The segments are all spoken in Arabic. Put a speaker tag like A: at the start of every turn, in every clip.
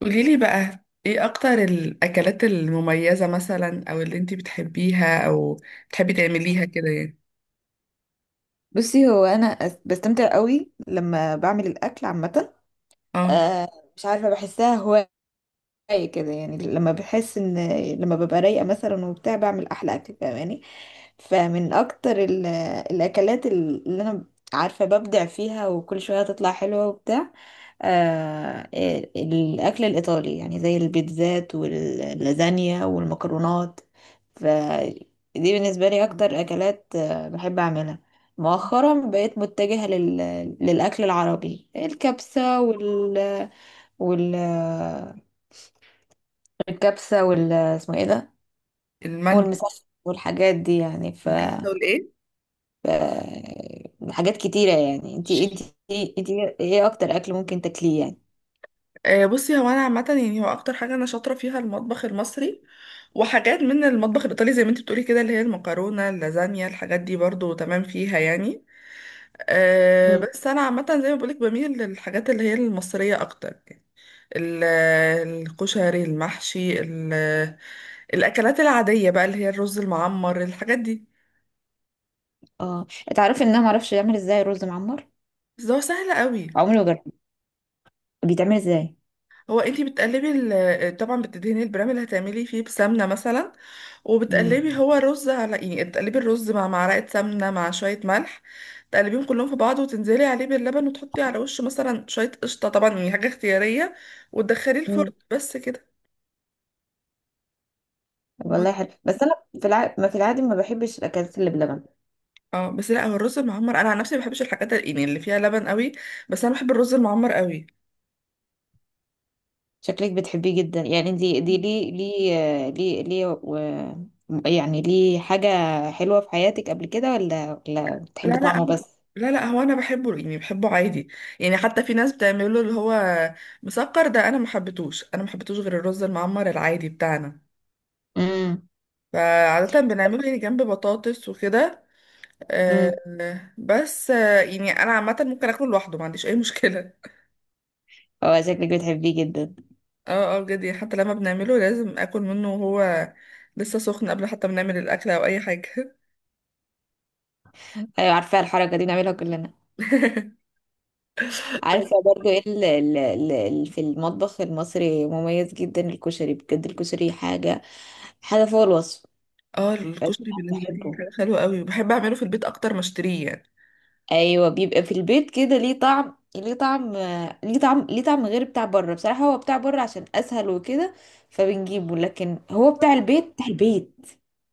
A: قوليلي بقى ايه اكتر الاكلات المميزة مثلا او اللي انتي بتحبيها او بتحبي تعمليها كده يعني.
B: بصي، هو انا بستمتع قوي لما بعمل الاكل عامه.
A: اه.
B: آه، مش عارفه، بحسها هوايه كده يعني، لما بحس ان، لما ببقى رايقه مثلا وبتاع، بعمل احلى اكل، فاهماني؟ فمن اكتر الاكلات اللي انا عارفه ببدع فيها، وكل شويه تطلع حلوه وبتاع. آه الاكل الايطالي يعني، زي البيتزات واللازانيا والمكرونات، فدي بالنسبه لي اكتر اكلات بحب اعملها. مؤخرا بقيت متجهه للاكل العربي، الكبسه وال وال الكبسه وال اسمه ايه ده؟
A: المندي.
B: والمسخن والحاجات دي يعني.
A: الكبسة والايه؟
B: حاجات كتيرة يعني، انتي ايه اكتر اكل ممكن تاكليه يعني؟
A: آه، بصي هو انا عامة يعني هو اكتر حاجة انا شاطرة فيها المطبخ المصري، وحاجات من المطبخ الايطالي زي ما انتي بتقولي كده، اللي هي المكرونة اللازانيا، الحاجات دي برضو تمام فيها يعني. آه،
B: مم.
A: بس انا عامة زي ما بقولك بميل للحاجات اللي هي المصرية اكتر. ال- الكشري، المحشي، الاكلات العاديه بقى اللي هي الرز المعمر، الحاجات دي.
B: اه، تعرفي ان انا معرفش اعمل ازاي رز معمر؟
A: بس ده هو سهل قوي.
B: عمري ما جربت، بيتعمل ازاي؟
A: هو انتي بتقلبي طبعا بتدهني البرام اللي هتعملي فيه بسمنه مثلا،
B: مم.
A: وبتقلبي هو رز على يعني تقلبي الرز مع معلقه سمنه مع شويه ملح، تقلبيهم كلهم في بعض وتنزلي عليه باللبن، وتحطي على وشه مثلا شويه قشطه طبعا يعني حاجه اختياريه، وتدخليه الفرن
B: مم.
A: بس كده.
B: والله حلو، بس انا ما في العادي ما بحبش الاكلات اللي بلبن.
A: اه بس لا، هو الرز المعمر انا عن نفسي ما بحبش الحاجات يعني اللي فيها لبن قوي، بس انا بحب الرز المعمر قوي.
B: شكلك بتحبيه جدا يعني، دي يعني ليه، حاجة حلوة في حياتك قبل كده ولا
A: لا
B: بتحبي
A: لا
B: طعمه
A: هو-
B: بس؟
A: لا لا هو انا بحبه يعني بحبه عادي، يعني حتى في ناس بتعمله اللي هو مسكر ده، انا ما حبيتهوش غير الرز المعمر العادي بتاعنا،
B: امم.
A: فعادة بنعمله يعني جنب بطاطس وكده. آه،
B: امم.
A: بس آه، يعني انا عامة ممكن اكله لوحده، ما عنديش اي مشكلة.
B: اه، شكلك بتحبيه جدا.
A: اه اه بجد، يعني حتى لما بنعمله لازم اكل منه وهو لسه سخن، قبل حتى ما نعمل الاكل او اي حاجة.
B: ايوه، عارفة الحركة دي بنعملها كلنا. عارفة برضو ايه في المطبخ المصري مميز جدا الكشري، بجد الكشري حاجة فوق الوصف.
A: اه،
B: بس
A: الكشري
B: أنا
A: بالنسبه لي
B: بحبه.
A: حاجه حلوه قوي، وبحب اعمله في البيت اكتر ما اشتريه يعني.
B: ايوه بيبقى في البيت كده ليه طعم غير بتاع بره، بصراحة. هو بتاع بره عشان اسهل وكده، فبنجيبه، لكن هو بتاع البيت، بتاع البيت،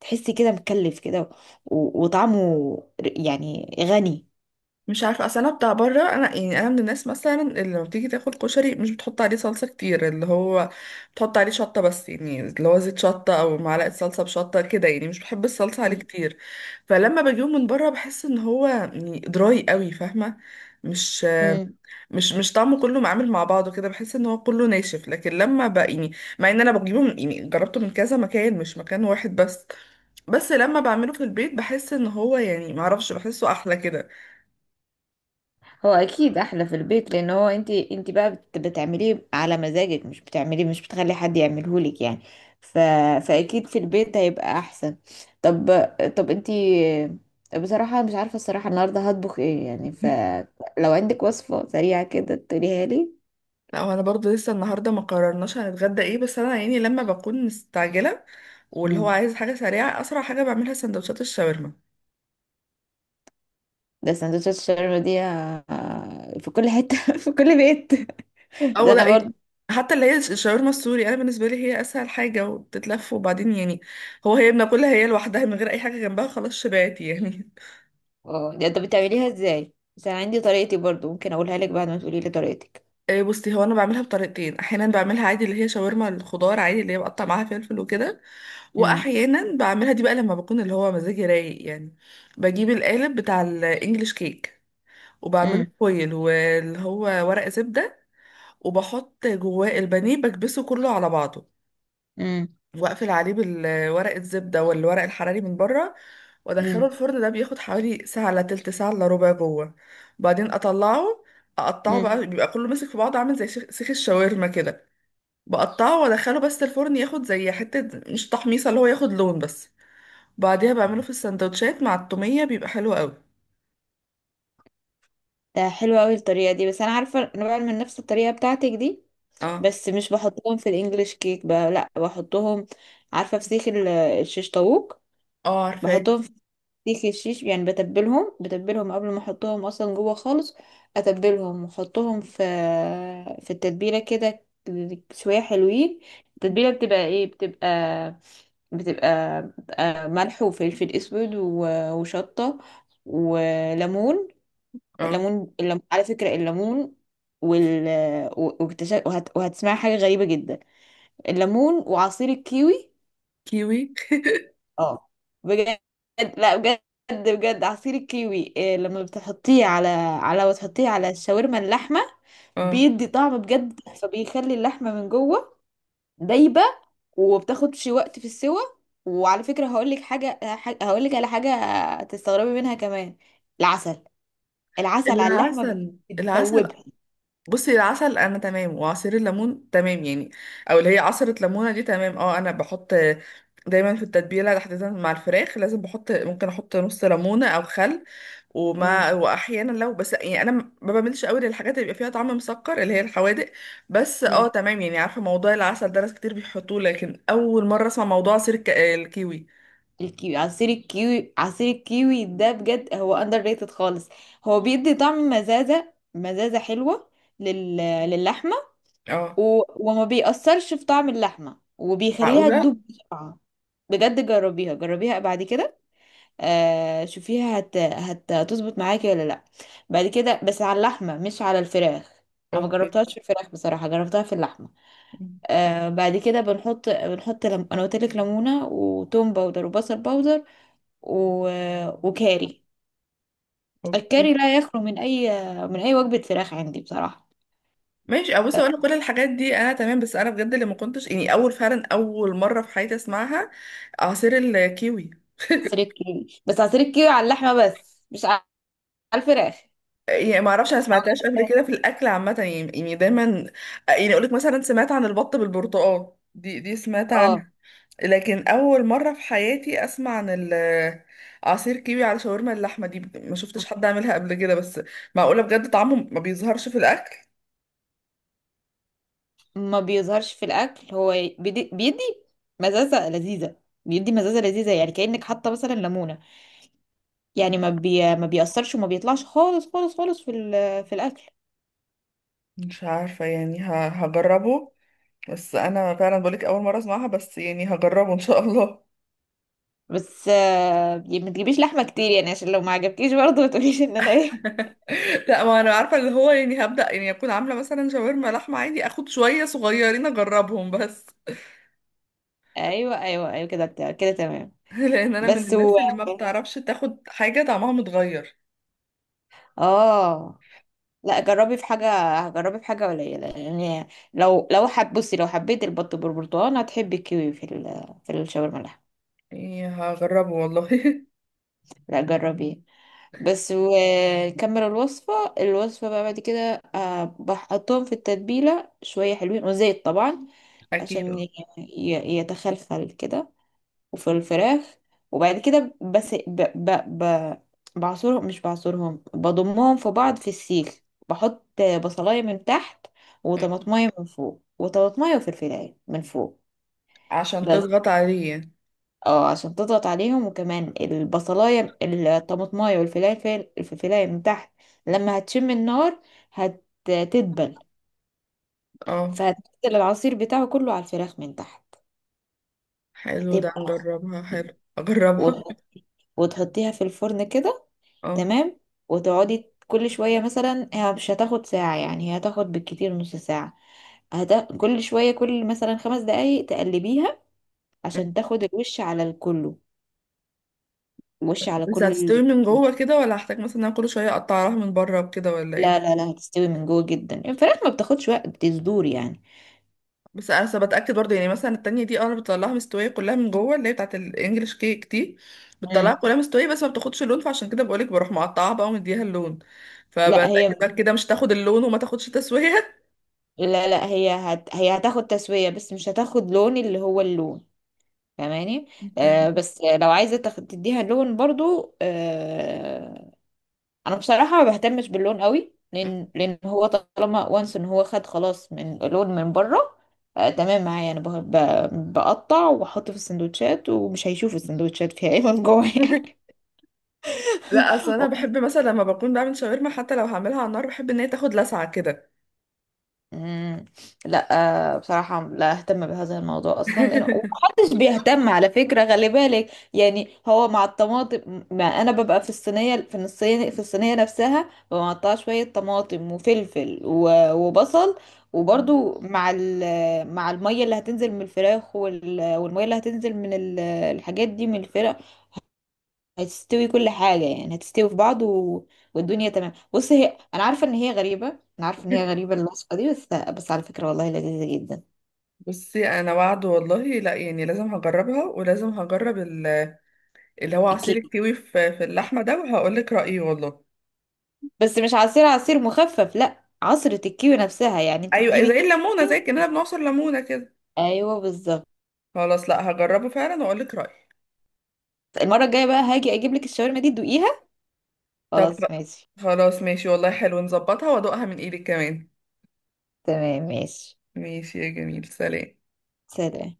B: تحسي كده مكلف كده وطعمه يعني غني.
A: مش عارفه، اصل انا بتاع بره انا يعني انا من الناس مثلا اللي لما بتيجي تاكل كشري مش بتحط عليه صلصه كتير، اللي هو بتحط عليه شطه بس، يعني اللي هو زيت شطه او معلقه صلصه بشطه كده، يعني مش بحب الصلصه عليه
B: مم.
A: كتير. فلما بجيبه من بره بحس ان هو يعني دراي قوي، فاهمه؟ مش
B: مم.
A: مش طعمه كله معامل مع بعضه كده، بحس ان هو كله ناشف. لكن لما بقى يعني، مع ان انا بجيبه من يعني جربته من كذا مكان مش مكان واحد بس، بس لما بعمله في البيت بحس ان هو يعني معرفش، بحسه احلى كده.
B: هو اكيد احلى في البيت، لان هو انت بقى بتعمليه على مزاجك، مش بتعمليه، مش بتخلي حد يعمله لك يعني. ف... فاكيد في البيت هيبقى احسن. طب، انت بصراحة، مش عارفة الصراحة النهاردة هطبخ ايه يعني؟ فلو عندك وصفة سريعة كده تقوليها لي.
A: لا، هو انا برضه لسه النهارده ما قررناش هنتغدى ايه، بس انا يعني لما بكون مستعجله واللي هو
B: مم.
A: عايز حاجه سريعه، اسرع حاجه بعملها سندوتشات الشاورما.
B: ده سندوتشات الشاورما دي في كل حتة في كل بيت.
A: او
B: ده
A: لا
B: انا برضو.
A: إيه. حتى اللي هي الشاورما السوري، انا بالنسبه لي هي اسهل حاجه وبتتلف، وبعدين يعني هو هي بناكلها هي لوحدها من غير اي حاجه جنبها، خلاص شبعت يعني.
B: اه، ده انت بتعمليها ازاي؟ بس انا عندي طريقتي برضو، ممكن اقولها لك بعد ما تقولي لي طريقتك.
A: إيه، بصي هو انا بعملها بطريقتين. احيانا بعملها عادي اللي هي شاورما الخضار عادي، اللي هي بقطع معاها فلفل وكده.
B: مم.
A: واحيانا بعملها دي بقى لما بكون اللي هو مزاجي رايق يعني، بجيب القالب بتاع الانجليش كيك وبعمله فويل، واللي هو ورق زبدة، وبحط جواه البانيه بكبسه كله على بعضه،
B: امم.
A: واقفل عليه بالورق الزبدة والورق الحراري من بره، وادخله
B: امم.
A: الفرن. ده بياخد حوالي ساعة الا تلت، ساعة الا ربع جوه. بعدين اطلعه، اقطعه
B: امم.
A: بقى، بيبقى كله ماسك في بعضه عامل زي شيخ سيخ الشاورما كده. بقطعه وادخله بس الفرن ياخد زي حتة مش تحميصة، اللي هو ياخد لون بس. بعديها بعمله في السندوتشات مع التومية، بيبقى حلو قوي.
B: ده حلو قوي الطريقه دي، بس انا عارفه انا بعمل من نفس الطريقه بتاعتك دي،
A: اه.
B: بس مش بحطهم في الانجليش كيك بقى، لا بحطهم. عارفه في سيخ الشيش طاووق،
A: اه عارفاه.
B: بحطهم في سيخ الشيش، يعني بتبلهم قبل ما احطهم اصلا جوه خالص، اتبلهم واحطهم في التتبيله كده شويه حلوين. التتبيله بتبقى ايه، بتبقى بتبقى ملح وفلفل اسود وشطه وليمون.
A: اه.
B: الليمون، على فكرة الليمون وال واكتشف، وهتسمع حاجة غريبة جدا، الليمون وعصير الكيوي.
A: كيوي؟
B: اه بجد، لا بجد، بجد عصير الكيوي، إيه لما بتحطيه على وتحطيه على الشاورما اللحمة،
A: اه.
B: بيدي طعم بجد، فبيخلي اللحمة من جوه دايبة، وبتاخدش وقت في السوى. وعلى فكرة هقولك حاجة، هقولك على حاجة تستغربي منها كمان، العسل العسل على اللحمة
A: العسل. العسل؟
B: بتدوبها.
A: بصي، العسل انا تمام، وعصير الليمون تمام يعني، او اللي هي عصرة ليمونة دي تمام. اه انا بحط دايما في التتبيلة تحديدا مع الفراخ لازم بحط، ممكن احط نص ليمونة او خل.
B: مم.
A: ومع واحيانا لو، بس يعني انا ما بعملش قوي للحاجات اللي بيبقى فيها طعم مسكر، اللي هي الحوادق. بس اه
B: مم.
A: تمام يعني، عارفه موضوع العسل ده ناس كتير بيحطوه، لكن اول مره اسمع موضوع عصير الكيوي.
B: الكيوي عصير الكيوي عصير الكيوي ده بجد، هو اندر ريتد خالص، هو بيدي طعم مزازة، مزازة حلوة لل... للحمة،
A: اه.
B: و... وما بيأثرش في طعم اللحمة وبيخليها
A: معقوله؟
B: تدوب بسرعة. بجد جربيها، جربيها بعد كده. آه شوفيها هتظبط معاكي ولا لا؟ بعد كده، بس على اللحمة مش على الفراخ. انا ما
A: اوكي.
B: جربتهاش في الفراخ بصراحة، جربتها في اللحمة. بعد لم... انا قلت لك ليمونة، وتوم باودر، وبصل باودر، و... وكاري.
A: اوكي
B: الكاري لا يخلو من اي، وجبه فراخ عندي بصراحه.
A: ماشي. ابص، انا كل الحاجات دي انا تمام، بس انا بجد اللي ما كنتش يعني، اول فعلا اول مره في حياتي اسمعها، عصير الكيوي.
B: عصير الكيوي، بس عصير الكيوي على اللحمه بس، مش على الفراخ.
A: يعني ما اعرفش، انا سمعتهاش قبل كده في الاكل عامه يعني، يعني دايما آه، يعني اقول لك مثلا سمعت عن البط بالبرتقال، دي سمعت
B: اه،
A: عنها. لكن اول مره في حياتي اسمع عن عصير كيوي على شاورما اللحمه دي، ما شفتش حد عاملها قبل كده بس. معقوله بجد طعمه ما بيظهرش في الاكل؟
B: ما بيظهرش في الاكل، هو بيدي مزازه لذيذه، بيدي مزازه لذيذه يعني كانك حاطه مثلا ليمونه، يعني ما بيأثرش وما بيطلعش خالص خالص خالص في الاكل.
A: مش عارفه يعني هجربه. بس انا فعلا بقولك اول مره اسمعها، بس يعني هجربه ان شاء الله.
B: بس ما تجيبيش لحمه كتير يعني، عشان لو ما عجبكيش برضه ما تقوليش ان انا ايه.
A: لا، ما انا عارفه اللي هو يعني هبدا، يعني اكون عامله مثلا شاورما لحمه عادي، اخد شويه صغيرين اجربهم بس.
B: ايوه، ايوه، ايوه، كده كده تمام.
A: لان انا من
B: بس
A: الناس اللي ما بتعرفش تاخد حاجه طعمها متغير.
B: اه لا، جربي في حاجة، جربي في حاجة قليلة يعني، لو لو حب بصي، لو حبيت البط بالبرتقال هتحبي الكيوي في الشاورما اللحم.
A: يعني هجربه والله.
B: لا جربيه. بس وكمل الوصفة بقى بعد كده، بحطهم في التتبيلة شوية حلوين، وزيت طبعا، عشان
A: اكيد.
B: يتخلخل كده، وفي الفراخ، وبعد كده بس ب... بعصرهم، مش بعصرهم، بضمهم في بعض في السيخ. بحط بصلاية من تحت، وطماطمية من فوق، وطماطمية وفلفلاية من فوق،
A: عشان
B: بس.
A: تضغط عليه.
B: اه عشان تضغط عليهم، وكمان البصلاية، الطماطماية والفلفلاية، الفلفلاية من تحت، لما هتشم النار هتدبل،
A: اه
B: فهتنزل العصير بتاعه كله على الفراخ من تحت،
A: حلو ده،
B: هتبقى
A: نجربها،
B: خطيرة.
A: حلو. اجربها.
B: وتحط- وتحطيها في الفرن كده،
A: اه.
B: تمام. وتقعدي كل شوية مثلا، هي مش هتاخد ساعة يعني، هي هتاخد بالكتير نص ساعة، كل شوية، كل مثلا 5 دقايق تقلبيها، عشان تاخد الوش على الكله، الوش على
A: بس
B: كل
A: هتستوي من جوه كده، ولا هحتاج مثلا إن انا كل شويه اقطعها من بره وكده، ولا
B: لا،
A: ايه؟
B: لا، لا، هتستوي من جوه جدا، الفراخ ما بتاخدش وقت، بتصدور يعني.
A: بس انا أصل بتاكد برضه، يعني مثلا التانية دي اه، انا بطلعها مستويه كلها من جوه، اللي هي بتاعت الانجليش كيك دي بتطلعها
B: مم.
A: كلها مستويه، بس ما بتاخدش اللون، فعشان كده بقولك بروح مقطعها بقى ومديها اللون.
B: لا هي
A: فبتاكد بقى كده مش تاخد اللون، وما تاخدش تسويه.
B: لا، لا، هي هي هتاخد تسوية، بس مش هتاخد لون، اللي هو اللون، فاهماني.
A: تمام.
B: بس لو عايزة تاخد تديها لون برضو. آه. انا بصراحه ما بهتمش باللون قوي، لان هو طالما وانس ان هو خد خلاص من لون من بره. تمام معايا، انا بقطع واحط في السندوتشات، ومش هيشوف السندوتشات فيها ايه من جوه يعني.
A: لا، اصل انا بحب مثلا لما بكون بعمل شاورما، حتى لو هعملها على النار، بحب ان هي تاخد لسعه كده.
B: مم. لا. بصراحة لا اهتم بهذا الموضوع اصلا، لانه محدش بيهتم، على فكرة خلي بالك يعني، هو مع الطماطم، ما انا ببقى في الصينية نفسها، ببقى مقطعة شوية طماطم وفلفل وبصل، وبرضو مع المية اللي هتنزل من الفراخ، والمية اللي هتنزل من الحاجات دي من الفراخ، هتستوي كل حاجة يعني، هتستوي في بعض، والدنيا تمام. بص، هي أنا عارفة إن هي غريبة، أنا عارفة إن هي غريبة الوصفة دي، بس على فكرة والله لذيذة جدا.
A: بصي، انا وعد والله، لا يعني لازم هجربها، ولازم هجرب اللي هو عصير
B: الكيوي،
A: الكيوي في اللحمه ده، وهقول لك رايي والله.
B: بس مش عصير مخفف، لا عصرة الكيوي نفسها، يعني أنت
A: ايوه،
B: تجيبي
A: زي الليمونه،
B: الكيوي.
A: زي كاننا بنعصر ليمونه كده.
B: أيوه بالظبط.
A: خلاص، لا هجربه فعلا واقول لك رايي.
B: المرة الجاية بقى هاجي أجيب لك الشاورما دي تدوقيها.
A: طب
B: خلاص ماشي.
A: خلاص ماشي والله، حلو، نظبطها وادوقها من ايدك كمان.
B: تمام ماشي.
A: ماشي يا جميل، سلام.
B: سلام.